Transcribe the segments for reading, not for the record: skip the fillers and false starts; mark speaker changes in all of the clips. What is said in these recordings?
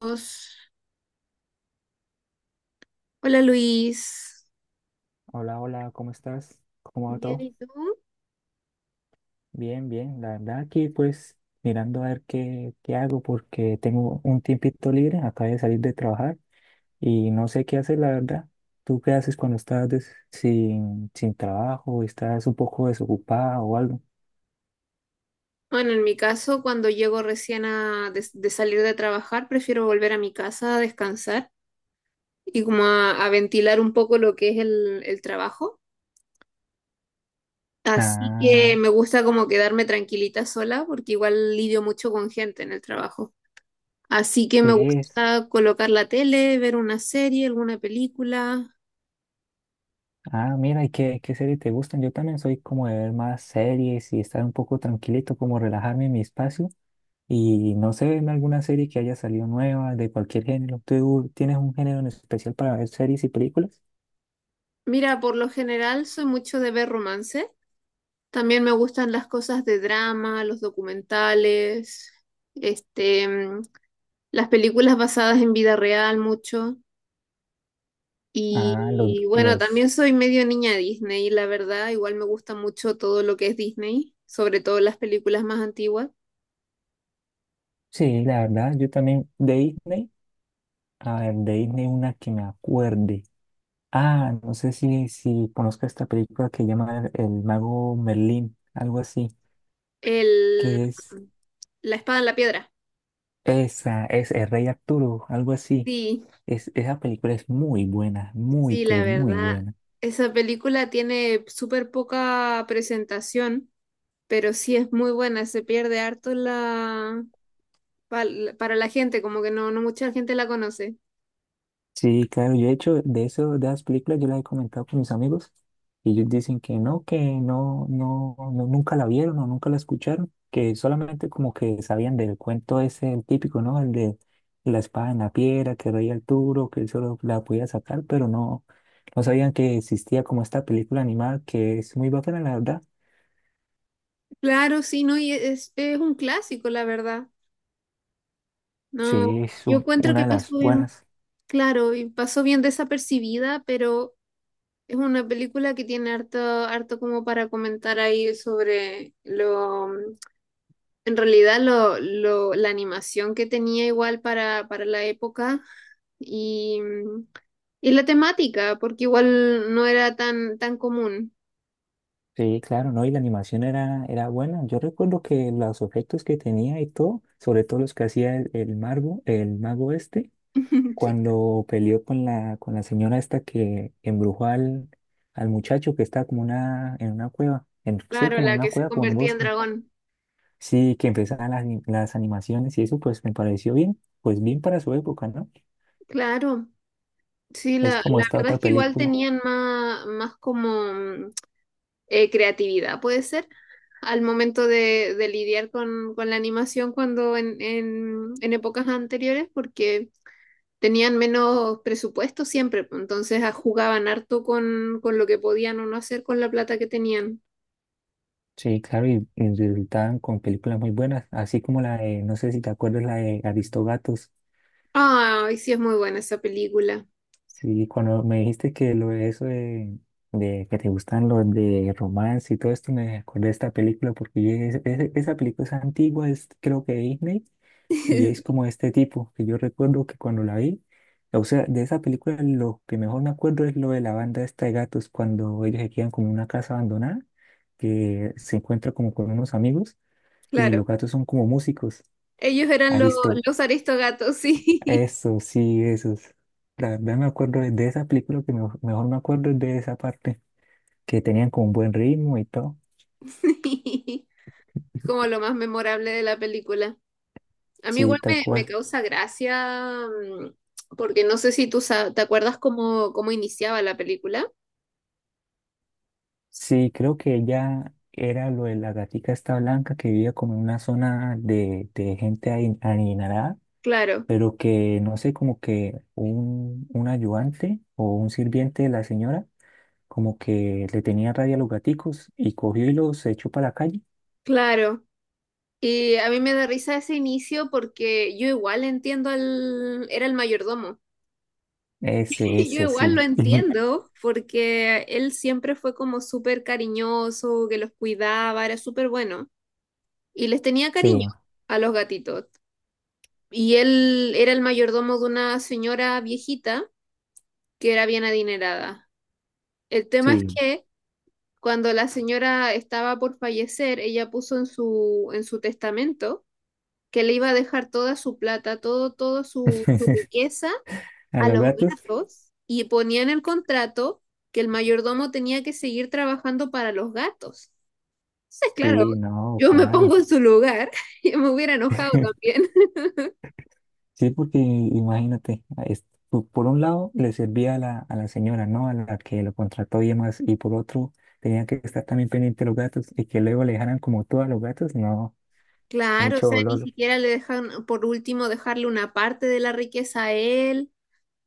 Speaker 1: Dios. Hola Luis.
Speaker 2: Hola, hola, ¿cómo estás? ¿Cómo va
Speaker 1: Bien,
Speaker 2: todo?
Speaker 1: ¿y tú?
Speaker 2: Bien, bien. La verdad aquí pues mirando a ver qué hago porque tengo un tiempito libre, acabo de salir de trabajar y no sé qué hacer, la verdad. ¿Tú qué haces cuando estás sin trabajo, estás un poco desocupado o algo?
Speaker 1: Bueno, en mi caso, cuando llego recién de salir de trabajar, prefiero volver a mi casa a descansar y como a ventilar un poco lo que es el trabajo. Así
Speaker 2: Ah,
Speaker 1: que me gusta como quedarme tranquilita sola porque igual lidio mucho con gente en el trabajo. Así que
Speaker 2: sí
Speaker 1: me
Speaker 2: es.
Speaker 1: gusta colocar la tele, ver una serie, alguna película.
Speaker 2: Ah, mira, ¿y qué series te gustan? Yo también soy como de ver más series y estar un poco tranquilito, como relajarme en mi espacio. Y no sé, en alguna serie que haya salido nueva, de cualquier género. ¿Tú tienes un género en especial para ver series y películas?
Speaker 1: Mira, por lo general soy mucho de ver romances. También me gustan las cosas de drama, los documentales, este, mm, las películas basadas en vida real mucho.
Speaker 2: Ah, los,
Speaker 1: Y bueno, también
Speaker 2: los...
Speaker 1: soy medio niña Disney, la verdad, igual me gusta mucho todo lo que es Disney, sobre todo las películas más antiguas.
Speaker 2: Sí, la verdad, yo también de Disney. A ver, de Disney una que me acuerde. Ah, no sé si conozco esta película que llama El Mago Merlín, algo así,
Speaker 1: El,
Speaker 2: que es
Speaker 1: mm, La espada en la piedra.
Speaker 2: esa, es El Rey Arturo, algo así.
Speaker 1: Sí,
Speaker 2: Esa película es muy buena, muy,
Speaker 1: sí, la
Speaker 2: pero muy
Speaker 1: verdad.
Speaker 2: buena.
Speaker 1: Esa película tiene súper poca presentación, pero sí es muy buena, se pierde harto la, para la gente, como que no, no mucha gente la conoce.
Speaker 2: Sí, claro, yo he hecho de eso, de las películas, yo las he comentado con mis amigos y ellos dicen que no, que no, nunca la vieron o nunca la escucharon, que solamente como que sabían del cuento ese, el típico, ¿no? El de la espada en la piedra, que rey Arturo, que él solo la podía sacar, pero no, no sabían que existía como esta película animada que es muy bacana, la verdad.
Speaker 1: Claro, sí, no, y es un clásico, la verdad. No,
Speaker 2: Sí, es
Speaker 1: yo encuentro
Speaker 2: una
Speaker 1: que
Speaker 2: de las
Speaker 1: pasó bien,
Speaker 2: buenas.
Speaker 1: claro, y pasó bien desapercibida, pero es una película que tiene harto, harto como para comentar ahí sobre lo, en realidad la animación que tenía igual para la época y, y la temática, porque igual no era tan, tan común.
Speaker 2: Sí, claro, ¿no? Y la animación era, era buena. Yo recuerdo que los efectos que tenía y todo, sobre todo los que hacía el mago, el mago este,
Speaker 1: sí.
Speaker 2: cuando peleó con la señora esta que embrujó al, al muchacho que está como una, en una cueva, en, sí,
Speaker 1: Claro,
Speaker 2: como en
Speaker 1: la
Speaker 2: una
Speaker 1: que se
Speaker 2: cueva, como en un
Speaker 1: convertía en
Speaker 2: bosque.
Speaker 1: dragón.
Speaker 2: Sí, que empezaban las, las animaciones y eso pues me pareció bien, pues bien para su época, ¿no?
Speaker 1: Claro. Sí,
Speaker 2: Es
Speaker 1: la,
Speaker 2: como
Speaker 1: la
Speaker 2: esta
Speaker 1: verdad
Speaker 2: otra
Speaker 1: es que igual
Speaker 2: película.
Speaker 1: tenían más, más como creatividad, puede ser, al momento de lidiar con la animación cuando en épocas anteriores, porque tenían menos presupuesto siempre, pues, entonces jugaban harto con lo que podían o no hacer con la plata que tenían.
Speaker 2: Sí, claro, y resultaban con películas muy buenas, así como la de, no sé si te acuerdas, la de Aristogatos.
Speaker 1: Ay, sí es muy buena esa película.
Speaker 2: Sí, cuando me dijiste que lo de eso de que te gustan los de romance y todo esto, me acordé de esta película porque yo dije: Esa película es antigua, es creo que de Disney, y es como este tipo, que yo recuerdo que cuando la vi, o sea, de esa película lo que mejor me acuerdo es lo de la banda esta de gatos, cuando ellos se quedan como en una casa abandonada, que se encuentra como con unos amigos, y
Speaker 1: Claro.
Speaker 2: los gatos son como músicos".
Speaker 1: Ellos eran
Speaker 2: Aristo,
Speaker 1: los aristogatos, sí.
Speaker 2: eso, sí, esos. La verdad, me acuerdo de esa película, que mejor, mejor me acuerdo es de esa parte, que tenían como un buen ritmo y todo.
Speaker 1: Como lo más memorable de la película. A mí
Speaker 2: Sí,
Speaker 1: igual
Speaker 2: tal
Speaker 1: me, me
Speaker 2: cual.
Speaker 1: causa gracia, porque no sé si tú te acuerdas cómo, cómo iniciaba la película.
Speaker 2: Sí, creo que ella era lo de la gatica esta blanca que vivía como en una zona de gente adinerada,
Speaker 1: Claro,
Speaker 2: pero que no sé, como que un ayudante o un sirviente de la señora, como que le tenía rabia a los gaticos y cogió y los echó para la calle.
Speaker 1: claro. Y a mí me da risa ese inicio porque yo igual entiendo al... Era el mayordomo.
Speaker 2: Ese,
Speaker 1: Yo
Speaker 2: ese,
Speaker 1: igual lo
Speaker 2: sí.
Speaker 1: entiendo porque él siempre fue como súper cariñoso, que los cuidaba, era súper bueno. Y les tenía cariño
Speaker 2: Sí,
Speaker 1: a los gatitos. Y él era el mayordomo de una señora viejita que era bien adinerada. El tema es
Speaker 2: sí.
Speaker 1: que cuando la señora estaba por fallecer, ella puso en su testamento que le iba a dejar toda su plata, todo, todo su riqueza
Speaker 2: ¿A
Speaker 1: a
Speaker 2: los
Speaker 1: los
Speaker 2: gatos?
Speaker 1: gatos, y ponía en el contrato que el mayordomo tenía que seguir trabajando para los gatos. Entonces, claro,
Speaker 2: Sí, no,
Speaker 1: yo me
Speaker 2: claro.
Speaker 1: pongo en su lugar y me hubiera enojado también.
Speaker 2: Sí, porque imagínate, por un lado le servía a la señora, ¿no? A la que lo contrató y demás, y por otro tenía que estar también pendiente de los gatos y que luego le dejaran como todo a los gatos, no,
Speaker 1: Claro, o
Speaker 2: mucho
Speaker 1: sea, ni
Speaker 2: dolor.
Speaker 1: siquiera le dejan, por último, dejarle una parte de la riqueza a él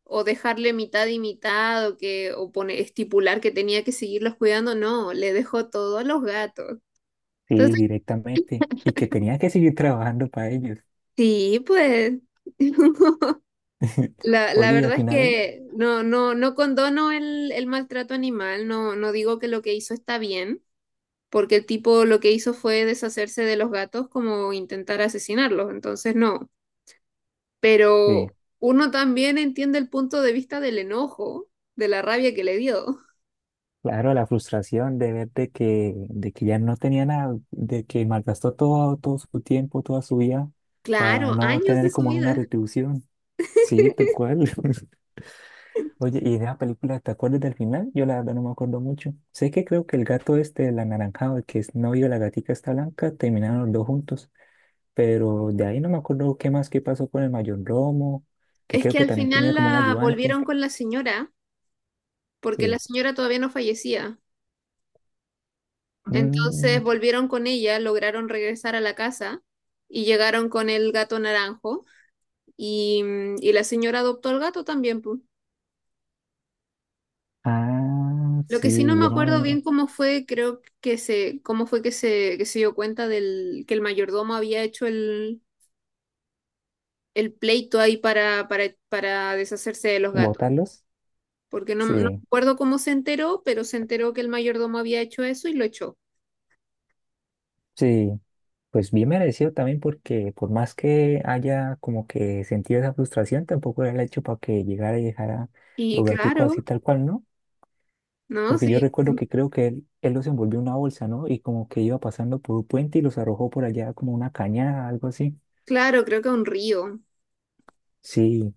Speaker 1: o dejarle mitad y mitad, o que o pone, estipular que tenía que seguirlos cuidando. No, le dejó todo a los gatos.
Speaker 2: Sí,
Speaker 1: Entonces,
Speaker 2: directamente. Y que tenía que seguir trabajando para ellos.
Speaker 1: sí, pues la
Speaker 2: Oye, y al
Speaker 1: verdad es
Speaker 2: final,
Speaker 1: que no condono el maltrato animal, no digo que lo que hizo está bien, porque el tipo lo que hizo fue deshacerse de los gatos, como intentar asesinarlos. Entonces no,
Speaker 2: sí.
Speaker 1: pero uno también entiende el punto de vista del enojo, de la rabia que le dio.
Speaker 2: Claro, la frustración de ver de que ya no tenía nada, de que malgastó todo, todo su tiempo, toda su vida para
Speaker 1: Claro,
Speaker 2: no
Speaker 1: años de
Speaker 2: tener
Speaker 1: su
Speaker 2: como una
Speaker 1: vida.
Speaker 2: retribución. Sí, tal cual. Oye, ¿y de la película te acuerdas del final? Yo la verdad no me acuerdo mucho. Sé que creo que el gato este, el anaranjado, el que es novio de la gatica está blanca, terminaron los dos juntos. Pero de ahí no me acuerdo qué más, qué pasó con el mayor Romo, que
Speaker 1: Es
Speaker 2: creo
Speaker 1: que
Speaker 2: que
Speaker 1: al
Speaker 2: también
Speaker 1: final
Speaker 2: tenía como un
Speaker 1: la
Speaker 2: ayudante.
Speaker 1: volvieron con la señora, porque la
Speaker 2: Sí.
Speaker 1: señora todavía no fallecía. Entonces
Speaker 2: Mm,
Speaker 1: volvieron con ella, lograron regresar a la casa y llegaron con el gato naranjo y, y la señora adoptó al gato también, pu.
Speaker 2: ah,
Speaker 1: Lo que sí no
Speaker 2: sí,
Speaker 1: me
Speaker 2: ya más
Speaker 1: acuerdo bien
Speaker 2: o
Speaker 1: cómo fue, creo que se, cómo fue que se dio cuenta del, que el mayordomo había hecho el pleito ahí para deshacerse de los gatos.
Speaker 2: ¿votarlos?
Speaker 1: Porque no, no me
Speaker 2: Sí,
Speaker 1: acuerdo cómo se enteró, pero se enteró que el mayordomo había hecho eso y lo echó.
Speaker 2: sí, pues bien merecido también porque por más que haya como que sentido esa frustración, tampoco era el hecho para que llegara y dejara
Speaker 1: Y
Speaker 2: los gaticos
Speaker 1: claro,
Speaker 2: así tal cual, ¿no?
Speaker 1: ¿no?
Speaker 2: Porque yo
Speaker 1: Sí,
Speaker 2: recuerdo que creo que él los envolvió en una bolsa, ¿no? Y como que iba pasando por un puente y los arrojó por allá como una cañada, algo así.
Speaker 1: claro, creo que un río.
Speaker 2: Sí,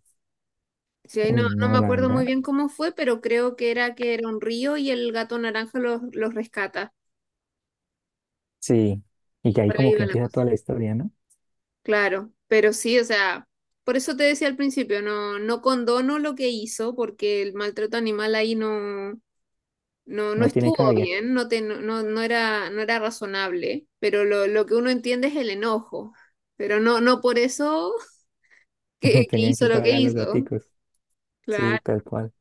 Speaker 1: Sí, ahí no,
Speaker 2: uy,
Speaker 1: no me
Speaker 2: no, la
Speaker 1: acuerdo muy
Speaker 2: verdad,
Speaker 1: bien cómo fue, pero creo que era un río y el gato naranja los rescata.
Speaker 2: sí. Y que ahí
Speaker 1: Por
Speaker 2: como
Speaker 1: ahí
Speaker 2: que
Speaker 1: va la
Speaker 2: empieza
Speaker 1: cosa.
Speaker 2: toda la historia, ¿no?
Speaker 1: Claro, pero sí, o sea, por eso te decía al principio, no, no condono lo que hizo, porque el maltrato animal ahí no, no, no
Speaker 2: No tiene
Speaker 1: estuvo
Speaker 2: cabida,
Speaker 1: bien. No, te, no, no, no era razonable, pero lo que uno entiende es el enojo, pero no, no por eso que
Speaker 2: tenían
Speaker 1: hizo
Speaker 2: que
Speaker 1: lo que
Speaker 2: pagar los
Speaker 1: hizo.
Speaker 2: gaticos,
Speaker 1: Claro.
Speaker 2: sí, tal cual.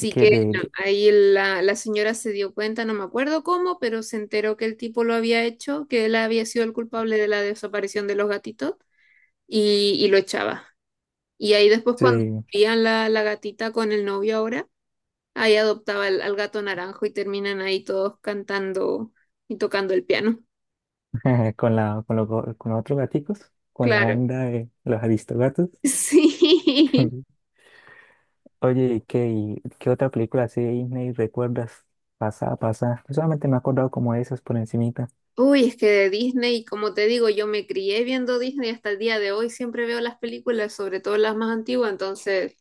Speaker 2: Y que
Speaker 1: que no, ahí la, la señora se dio cuenta, no me acuerdo cómo, pero se enteró que el tipo lo había hecho, que él había sido el culpable de la desaparición de los gatitos y lo echaba. Y ahí después cuando
Speaker 2: sí.
Speaker 1: veían la, la gatita con el novio ahora, ahí adoptaba al, al gato naranjo y terminan ahí todos cantando y tocando el piano.
Speaker 2: Con la, con, con los otros gaticos, con la
Speaker 1: Claro.
Speaker 2: banda de los Aristogatos.
Speaker 1: Sí.
Speaker 2: Oye, ¿y y qué otra película así de Disney recuerdas? Pasada, pasada. Yo solamente me he acordado como de esas por encimita.
Speaker 1: Uy, es que de Disney, como te digo, yo me crié viendo Disney hasta el día de hoy, siempre veo las películas, sobre todo las más antiguas, entonces...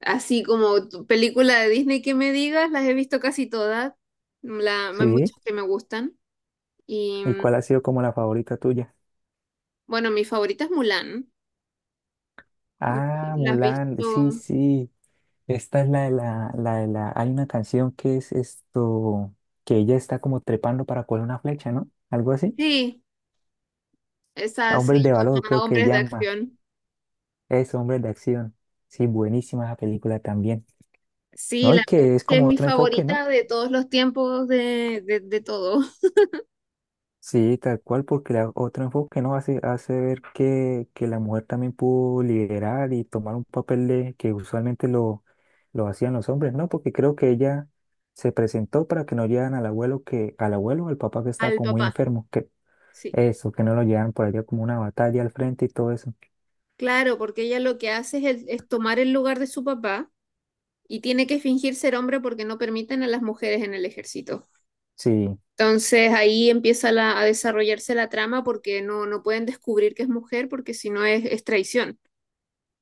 Speaker 1: Así como tu película de Disney que me digas, las he visto casi todas. La, hay muchas
Speaker 2: Sí.
Speaker 1: que me gustan. Y
Speaker 2: ¿Y
Speaker 1: mm,
Speaker 2: cuál ha sido como la favorita tuya?
Speaker 1: bueno, mi favorita es Mulan.
Speaker 2: Ah,
Speaker 1: La has
Speaker 2: Mulan, sí,
Speaker 1: visto.
Speaker 2: sí. Esta es la de la, la de la. Hay una canción que es esto, que ella está como trepando para coger una flecha, ¿no? Algo así.
Speaker 1: Sí, esa se
Speaker 2: Hombres de valor,
Speaker 1: llama
Speaker 2: creo que
Speaker 1: Hombres de
Speaker 2: llama.
Speaker 1: Acción.
Speaker 2: Es Hombres de Acción. Sí, buenísima esa película también.
Speaker 1: Sí,
Speaker 2: No, y
Speaker 1: la verdad
Speaker 2: que es
Speaker 1: es que es
Speaker 2: como
Speaker 1: mi
Speaker 2: otro enfoque, ¿no?
Speaker 1: favorita de todos los tiempos, de todo.
Speaker 2: Sí, tal cual, porque la, otro enfoque nos hace, hace ver que la mujer también pudo liderar y tomar un papel de, que usualmente lo hacían los hombres, ¿no? Porque creo que ella se presentó para que no llevan al abuelo que, al abuelo, o al papá que estaba
Speaker 1: Al
Speaker 2: como muy
Speaker 1: papá,
Speaker 2: enfermo, que
Speaker 1: sí.
Speaker 2: eso, que no lo llevan por allá como una batalla al frente y todo eso.
Speaker 1: Claro, porque ella lo que hace es, es tomar el lugar de su papá y tiene que fingir ser hombre porque no permiten a las mujeres en el ejército.
Speaker 2: Sí,
Speaker 1: Entonces ahí empieza a desarrollarse la trama porque no, no pueden descubrir que es mujer porque si no es, es traición,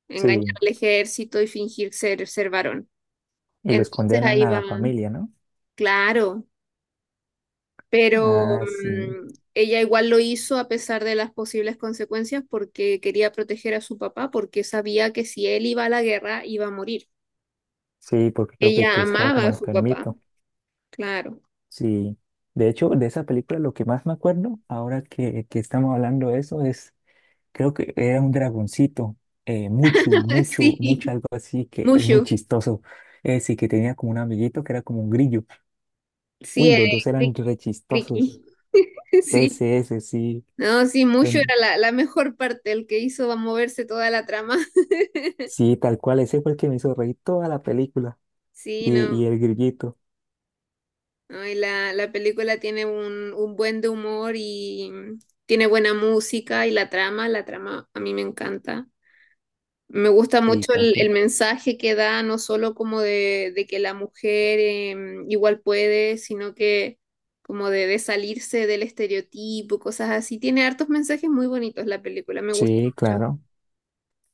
Speaker 1: engañar
Speaker 2: sí.
Speaker 1: al ejército y fingir ser, ser varón.
Speaker 2: Y los
Speaker 1: Entonces
Speaker 2: condenan
Speaker 1: ahí
Speaker 2: a
Speaker 1: va,
Speaker 2: la familia, ¿no?
Speaker 1: claro, pero
Speaker 2: Ah, sí.
Speaker 1: ella igual lo hizo a pesar de las posibles consecuencias porque quería proteger a su papá porque sabía que si él iba a la guerra iba a morir.
Speaker 2: Sí, porque creo que
Speaker 1: Ella
Speaker 2: te estaba
Speaker 1: amaba
Speaker 2: como
Speaker 1: a su papá,
Speaker 2: enfermito.
Speaker 1: claro.
Speaker 2: Sí, de hecho, de esa película lo que más me acuerdo, ahora que estamos hablando de eso, es, creo que era un dragoncito, mucho, mucho,
Speaker 1: Sí,
Speaker 2: mucho, algo así, que es muy
Speaker 1: Mushu,
Speaker 2: chistoso. Ese que tenía como un amiguito que era como un grillo.
Speaker 1: sí,
Speaker 2: Uy,
Speaker 1: es
Speaker 2: los dos eran
Speaker 1: cri-
Speaker 2: re chistosos.
Speaker 1: Criqui, sí.
Speaker 2: Ese, sí.
Speaker 1: No, sí, mucho era
Speaker 2: son-
Speaker 1: la, la mejor parte, el que hizo va a moverse toda la trama.
Speaker 2: Sí, tal cual, ese fue el que me hizo reír toda la película.
Speaker 1: Sí,
Speaker 2: Y,
Speaker 1: no,
Speaker 2: y el grillito.
Speaker 1: no, y la película tiene un buen de humor y tiene buena música y la trama a mí me encanta. Me gusta
Speaker 2: Sí,
Speaker 1: mucho
Speaker 2: ¿para
Speaker 1: el
Speaker 2: qué?
Speaker 1: mensaje que da, no solo como de que la mujer igual puede, sino que como de salirse del estereotipo, cosas así. Tiene hartos mensajes muy bonitos la película, me gusta
Speaker 2: Sí,
Speaker 1: mucho.
Speaker 2: claro.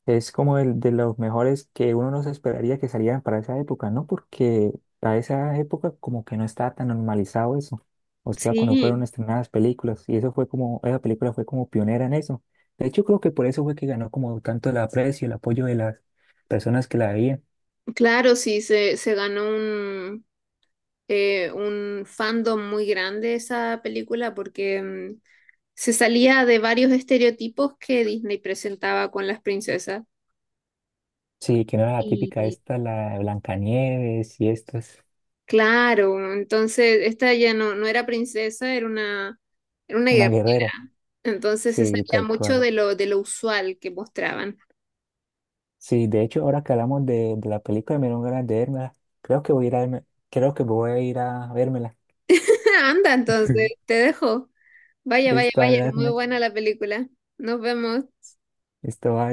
Speaker 2: Es como el de los mejores que uno no se esperaría que salieran para esa época, ¿no? Porque a esa época como que no estaba tan normalizado eso. O sea, cuando fueron
Speaker 1: Sí.
Speaker 2: estrenadas películas y eso fue como, esa película fue como pionera en eso. De hecho, creo que por eso fue que ganó como tanto el aprecio, el apoyo de las personas que la veían.
Speaker 1: Claro, sí, se ganó un fandom muy grande esa película porque se salía de varios estereotipos que Disney presentaba con las princesas.
Speaker 2: Sí, que no era la típica
Speaker 1: Y
Speaker 2: esta, la de Blancanieves y esto es
Speaker 1: claro, entonces esta ya no, no era princesa, era una
Speaker 2: una
Speaker 1: guerra.
Speaker 2: guerrera.
Speaker 1: Entonces se
Speaker 2: Sí,
Speaker 1: salía
Speaker 2: tal
Speaker 1: mucho
Speaker 2: cual.
Speaker 1: de lo usual que mostraban.
Speaker 2: Sí, de hecho, ahora que hablamos de la película, me dieron ganas de vérmela. Creo que voy a ir a, creo que voy a ir a vérmela.
Speaker 1: Anda, entonces, te dejo. Vaya, vaya,
Speaker 2: Listo,
Speaker 1: vaya, muy
Speaker 2: Ariadne.
Speaker 1: buena la película. Nos vemos.
Speaker 2: Esto va